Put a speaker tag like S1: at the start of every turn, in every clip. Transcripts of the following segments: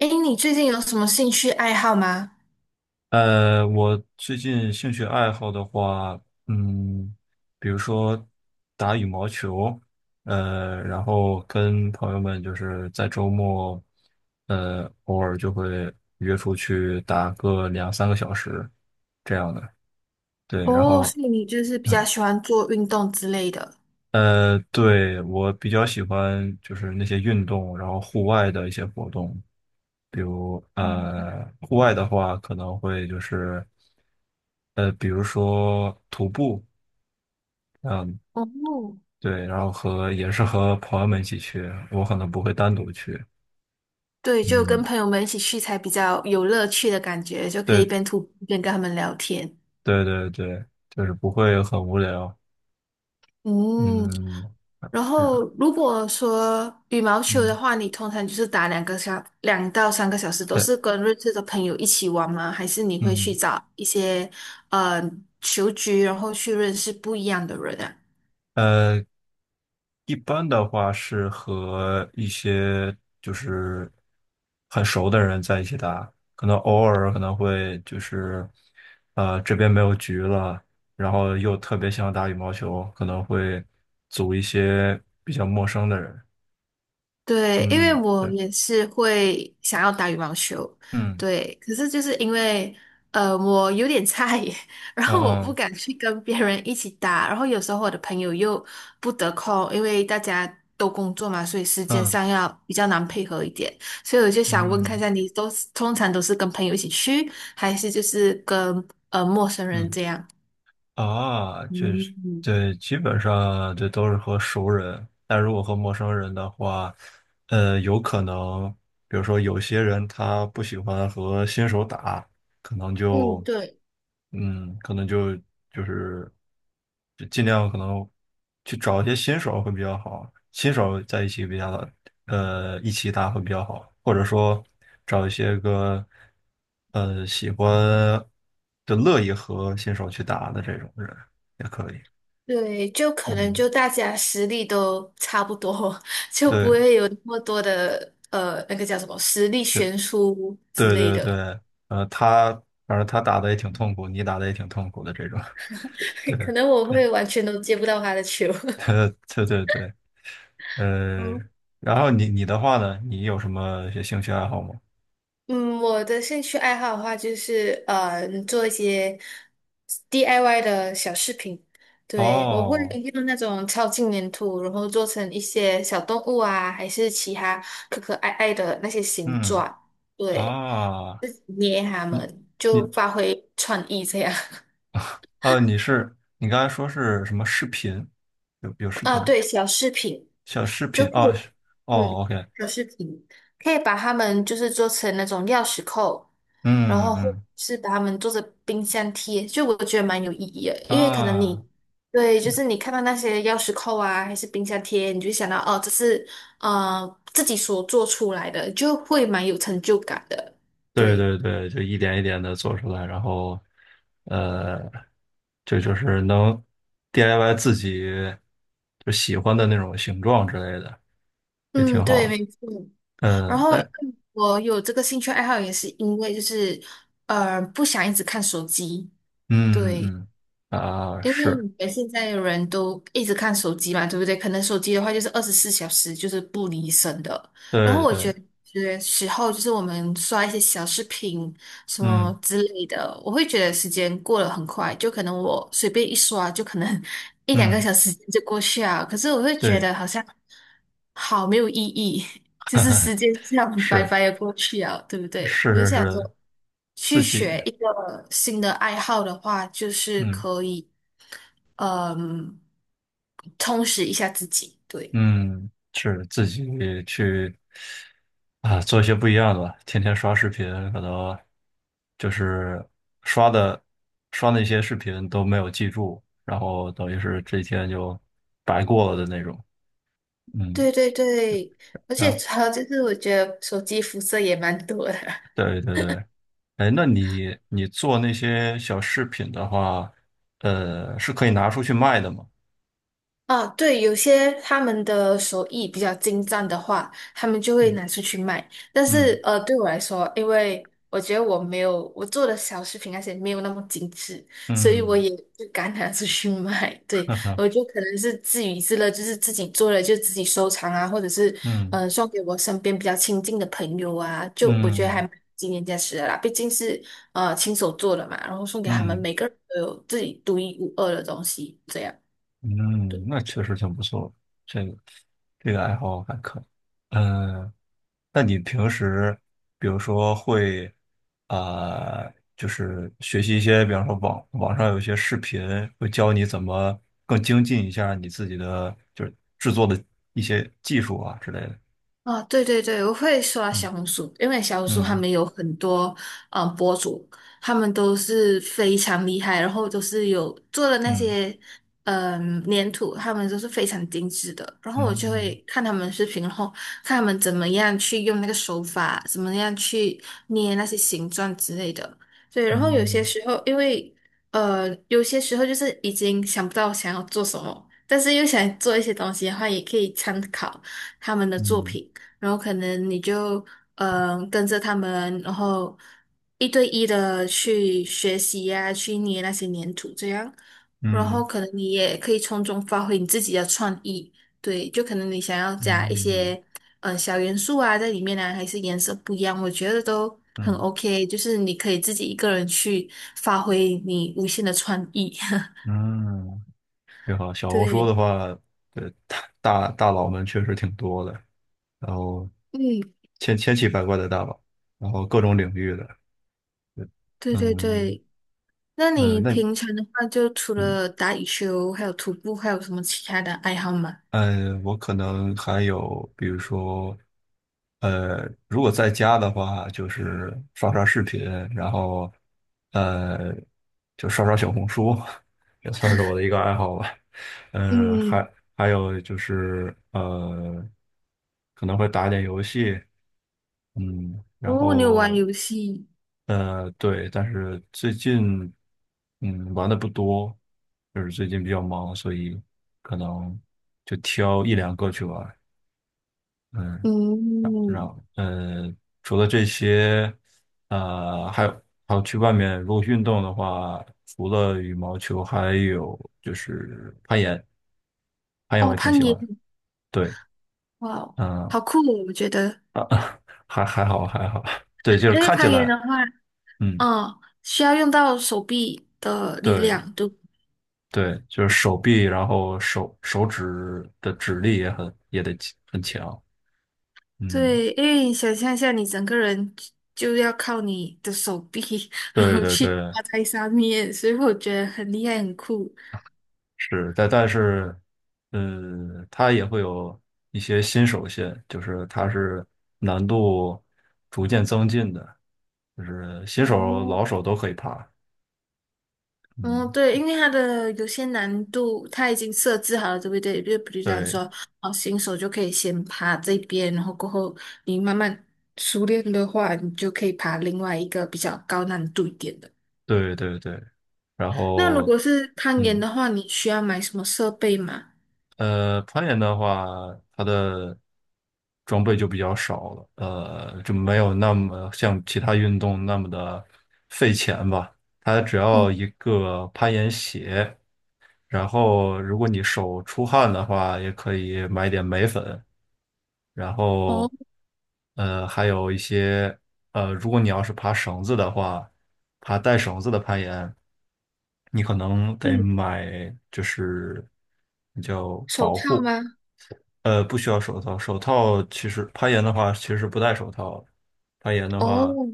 S1: 哎，你最近有什么兴趣爱好吗？
S2: 我最近兴趣爱好的话，嗯，比如说打羽毛球，然后跟朋友们就是在周末，偶尔就会约出去打个两三个小时这样的。对，然
S1: 哦，
S2: 后，
S1: 所以你就是比较
S2: 嗯，
S1: 喜欢做运动之类的。
S2: 对，我比较喜欢就是那些运动，然后户外的一些活动。比如
S1: 嗯，
S2: 户外的话可能会就是比如说徒步，
S1: 哦，
S2: 对，然后和也是和朋友们一起去，我可能不会单独去。
S1: 对，就跟
S2: 嗯，
S1: 朋友们一起去才比较有乐趣的感觉，就可以一
S2: 对
S1: 边徒步一边跟他们聊天。
S2: 对对对，就是不会很无聊。
S1: 嗯，
S2: 嗯，
S1: 然
S2: 是的，
S1: 后如果说羽毛球的
S2: 嗯，
S1: 话，你通常就是打2到3个小时，都
S2: 对，
S1: 是跟认识的朋友一起玩吗？还是你会去
S2: 嗯，
S1: 找一些呃球局，然后去认识不一样的人啊？
S2: 呃，一般的话是和一些就是很熟的人在一起打，可能偶尔可能会就是，这边没有局了，然后又特别想打羽毛球，可能会组一些比较陌生的人。
S1: 对，因
S2: 嗯
S1: 为
S2: 嗯，
S1: 我
S2: 对，
S1: 也是会想要打羽毛球，
S2: 嗯，
S1: 对，可是就是因为我有点菜耶，然
S2: 啊
S1: 后我不
S2: 嗯
S1: 敢去跟别人一起打，然后有时候我的朋友又不得空，因为大家都工作嘛，所以时间
S2: 嗯
S1: 上要比较难配合一点，所以我就想问看一
S2: 嗯
S1: 下，你都是通常都是跟朋友一起去，还是就是跟陌生人
S2: 嗯。
S1: 这样？
S2: 啊，就是
S1: 嗯，
S2: 对，基本上这都是和熟人，但如果和陌生人的话，有可能，比如说有些人他不喜欢和新手打，可能
S1: 嗯，
S2: 就，
S1: 对，
S2: 嗯，可能就就是就尽量可能去找一些新手会比较好，新手在一起比较好，一起打会比较好，或者说找一些个喜欢就乐意和新手去打的这种人也可以。
S1: 对，就可能
S2: 嗯，
S1: 就大家实力都差不多，就不
S2: 对
S1: 会有那么多的那个叫什么实力
S2: 对
S1: 悬殊之
S2: 对
S1: 类
S2: 对
S1: 的，
S2: 对，呃，他反正他打的也挺痛苦，你打的也挺痛苦的这种。对，对，
S1: 可能我会完全都接不到他的球。
S2: 对对对，呃，
S1: 嗯
S2: 然后你的话呢，你有什么一些兴趣爱好吗？
S1: 嗯，我的兴趣爱好的话，就是做一些 DIY 的小饰品。对，我会
S2: 哦，
S1: 用那种超轻粘土，然后做成一些小动物啊，还是其他可可爱爱的那些形
S2: 嗯
S1: 状。对。
S2: 啊，
S1: 就是捏他
S2: 你
S1: 们，就
S2: 你。
S1: 发挥创意这样。
S2: 你刚才说是什么视频？有 视
S1: 啊，
S2: 频的
S1: 对，小饰品
S2: 小视
S1: 就
S2: 频
S1: 可
S2: 哦是
S1: 以，
S2: 哦
S1: 嗯，
S2: ，OK，
S1: 小饰品可以把它们就是做成那种钥匙扣，然
S2: 嗯
S1: 后或
S2: 嗯
S1: 是把它们做成冰箱贴，就我觉得蛮有意义的，
S2: 嗯
S1: 因为可能
S2: 啊，
S1: 你。对，就是你看到那些钥匙扣啊，还是冰箱贴，你就想到哦，这是自己所做出来的，就会蛮有成就感的。
S2: 对
S1: 对，
S2: 对对，就一点一点的做出来，然后呃，就是能 DIY 自己就喜欢的那种形状之类的，也
S1: 嗯，
S2: 挺
S1: 对，
S2: 好的。
S1: 没错。然
S2: 嗯，
S1: 后
S2: 哎，
S1: 我有这个兴趣爱好，也是因为就是不想一直看手机，
S2: 嗯
S1: 对，
S2: 嗯啊，
S1: 因为
S2: 是，
S1: 你们现在的人都一直看手机嘛，对不对？可能手机的话就是24小时就是不离身的。然后
S2: 对
S1: 我觉
S2: 对，
S1: 得有些时候就是我们刷一些小视频什
S2: 嗯
S1: 么之类的，我会觉得时间过得很快，就可能我随便一刷就可能 一两个
S2: 嗯，
S1: 小时就过去啊。可是我会觉
S2: 对，
S1: 得好像好没有意义，就是 时间这样白
S2: 是
S1: 白的过去啊，对不对？
S2: 是
S1: 我就
S2: 是
S1: 想
S2: 是，
S1: 说，
S2: 自
S1: 去
S2: 己。
S1: 学一个新的爱好的话，就是
S2: 嗯。
S1: 可以。嗯，充实一下自己。对，
S2: 嗯，是自己去啊，做一些不一样的吧。天天刷视频，可能就是刷的刷那些视频都没有记住，然后等于是这一天就白过了的那种。嗯，
S1: 对对对，而
S2: 然
S1: 且
S2: 后
S1: 还有就是，我觉得手机辐射也蛮多的。
S2: 对对对，哎，那你做那些小饰品的话，是可以拿出去卖的吗？
S1: 啊，对，有些他们的手艺比较精湛的话，他们就会
S2: 嗯
S1: 拿出去卖。但
S2: 嗯
S1: 是，对我来说，因为我觉得我没有我做的小饰品那些没有那么精致，所以我
S2: 嗯，
S1: 也不敢拿出去卖。对，
S2: 哈哈，
S1: 我就可能是自娱自乐，就是自己做了就自己收藏啊，或者是
S2: 嗯
S1: 送给我身边比较亲近的朋友啊，就我觉得还
S2: 嗯
S1: 蛮纪念价值的啦。毕竟是亲手做的嘛，然后送给他们，
S2: 嗯
S1: 每个人都有自己独一无二的东西，这样。
S2: 嗯，那确实挺不错，这个这个爱好还可以。嗯，那你平时比如说会啊、就是学习一些，比方说网上有一些视频，会教你怎么更精进一下你自己的就是制作的一些技术啊之类的。
S1: 啊，对对对，我会刷
S2: 嗯
S1: 小红书，因为小红书他
S2: 嗯
S1: 们有很多博主，他们都是非常厉害，然后都是有做的那
S2: 嗯
S1: 些粘土，他们都是非常精致的。然后我就会
S2: 嗯
S1: 看他们视频，然后看他们怎么样去用那个手法，怎么样去捏那些形状之类的。对，然后有些
S2: 嗯
S1: 时候因为有些时候就是已经想不到想要做什么，但是又想做一些东西的话，也可以参考他们的作
S2: 嗯
S1: 品。然后可能你就跟着他们，然后一对一的去学习呀、去捏那些粘土这样，然
S2: 嗯
S1: 后可能你也可以从中发挥你自己的创意，对，就可能你想要加一
S2: 嗯
S1: 些小元素啊在里面呢，还是颜色不一样，我觉得都
S2: 嗯
S1: 很
S2: 嗯
S1: OK，就是你可以自己一个人去发挥你无限的创意，
S2: 嗯。你好。小红书
S1: 对，
S2: 的话，大佬们确实挺多的，然后
S1: 嗯，
S2: 千奇百怪的大佬，然后各种领域的，
S1: 对对
S2: 嗯，
S1: 对。那你
S2: 那
S1: 平常的话，就除
S2: 嗯，
S1: 了打羽球，还有徒步，还有什么其他的爱好吗？
S2: 我可能还有，比如说，如果在家的话，就是刷刷视频，然后呃，就刷刷小红书，也算是我的一个爱好吧。嗯、
S1: 嗯，
S2: 还有就是可能会打一点游戏。嗯，然
S1: 哦，你有玩
S2: 后
S1: 游戏，
S2: 对，但是最近嗯玩的不多，就是最近比较忙，所以可能就挑一两个去玩。嗯，然然
S1: 嗯，
S2: 呃，除了这些，还有去外面如果运动的话，除了羽毛球，还有就是攀岩，攀岩我
S1: 哦，
S2: 也挺
S1: 攀
S2: 喜欢
S1: 岩，
S2: 的。对，
S1: 哇哦，
S2: 嗯、
S1: 好酷哦，我觉得，
S2: 啊，还好还好，对，就是
S1: 因为
S2: 看起
S1: 攀岩
S2: 来，
S1: 的话，
S2: 嗯，
S1: 嗯，需要用到手臂的力
S2: 对。
S1: 量，对不
S2: 对，就是手臂，然后手指的指力也很也得很强。嗯，
S1: 对，因为你想象一下，你整个人就要靠你的手臂，然
S2: 对
S1: 后
S2: 对
S1: 去
S2: 对，
S1: 挂在上面，所以我觉得很厉害，很酷。
S2: 是，但是，嗯，它也会有一些新手线，就是它是难度逐渐增进的，就是新手、
S1: 哦，
S2: 老手都可以爬。
S1: 嗯，
S2: 嗯，
S1: 对，因为它的有些难度，它已经设置好了，对不对？就比如讲说，
S2: 对
S1: 哦，新手就可以先爬这边，然后过后你慢慢熟练的话，你就可以爬另外一个比较高难度一点的。
S2: 对对对，然
S1: 那如
S2: 后
S1: 果是攀岩
S2: 嗯。
S1: 的话，你需要买什么设备吗？
S2: 攀岩的话，它的装备就比较少了，就没有那么像其他运动那么的费钱吧。它只要
S1: 嗯，
S2: 一个攀岩鞋，然后如果你手出汗的话，也可以买点镁粉，然
S1: 哦，
S2: 后还有一些如果你要是爬绳子的话，爬带绳子的攀岩，你可能得
S1: 嗯，
S2: 买就是叫
S1: 手
S2: 保
S1: 套
S2: 护。
S1: 吗？
S2: 不需要手套。手套其实攀岩的话，其实是不戴手套的攀岩的话，
S1: 哦，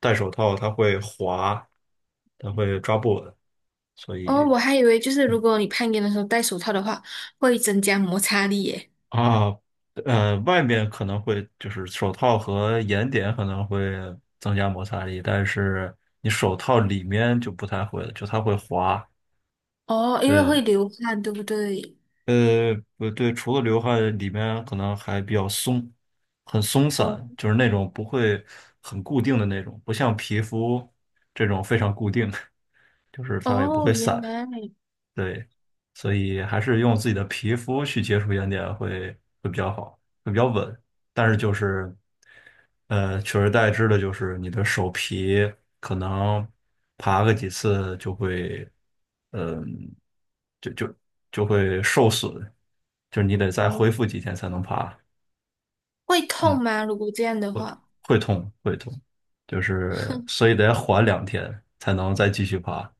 S2: 戴手套它会滑，它会抓不稳，所
S1: 哦，
S2: 以
S1: 我还以为就是
S2: 嗯
S1: 如果你攀岩的时候戴手套的话，会增加摩擦力耶。
S2: 啊，外面可能会就是手套和岩点可能会增加摩擦力，但是你手套里面就不太会了，就它会滑。
S1: 哦，因为
S2: 对，
S1: 会流汗，对不对？
S2: 不对，除了流汗，里面可能还比较松，很松
S1: 哦，
S2: 散，就是那种不会很固定的那种，不像皮肤这种非常固定，就是它也不会
S1: 哦，
S2: 散。
S1: 原来。
S2: 对，所以还是用自己的皮肤去接触岩点会比较好，会比较稳。但是就是，取而代之的就是你的手皮可能爬个几次就会，嗯、就就就会受损，就是你得再
S1: 哦。
S2: 恢复几天才能爬，
S1: 会
S2: 嗯，
S1: 痛吗？如果这样的话，
S2: 会痛会痛，就是所 以得缓两天才能再继续爬，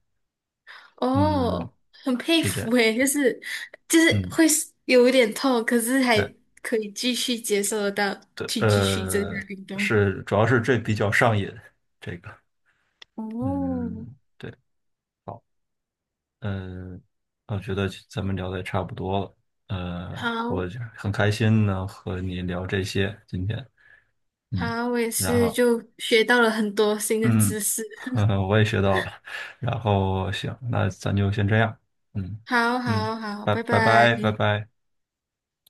S2: 嗯，
S1: 哦，很佩
S2: 是这
S1: 服
S2: 样，
S1: 诶，就是
S2: 嗯。
S1: 会有一点痛，可是还
S2: 对。
S1: 可以继续接受得到，
S2: 对，
S1: 去继续增加运动。
S2: 是，主要是这比较上瘾，这个，
S1: 哦，
S2: 嗯，对，好，嗯，我觉得咱们聊的也差不多了，
S1: 好
S2: 我就很开心能和你聊这些今天，嗯，
S1: 好，我也
S2: 然
S1: 是
S2: 后，
S1: 就学到了很多新的
S2: 嗯，
S1: 知识。
S2: 呵呵，我也学到了，然后行，那咱就先这样，嗯
S1: 好
S2: 嗯，
S1: 好好，
S2: 拜
S1: 拜
S2: 拜
S1: 拜。
S2: 拜拜拜。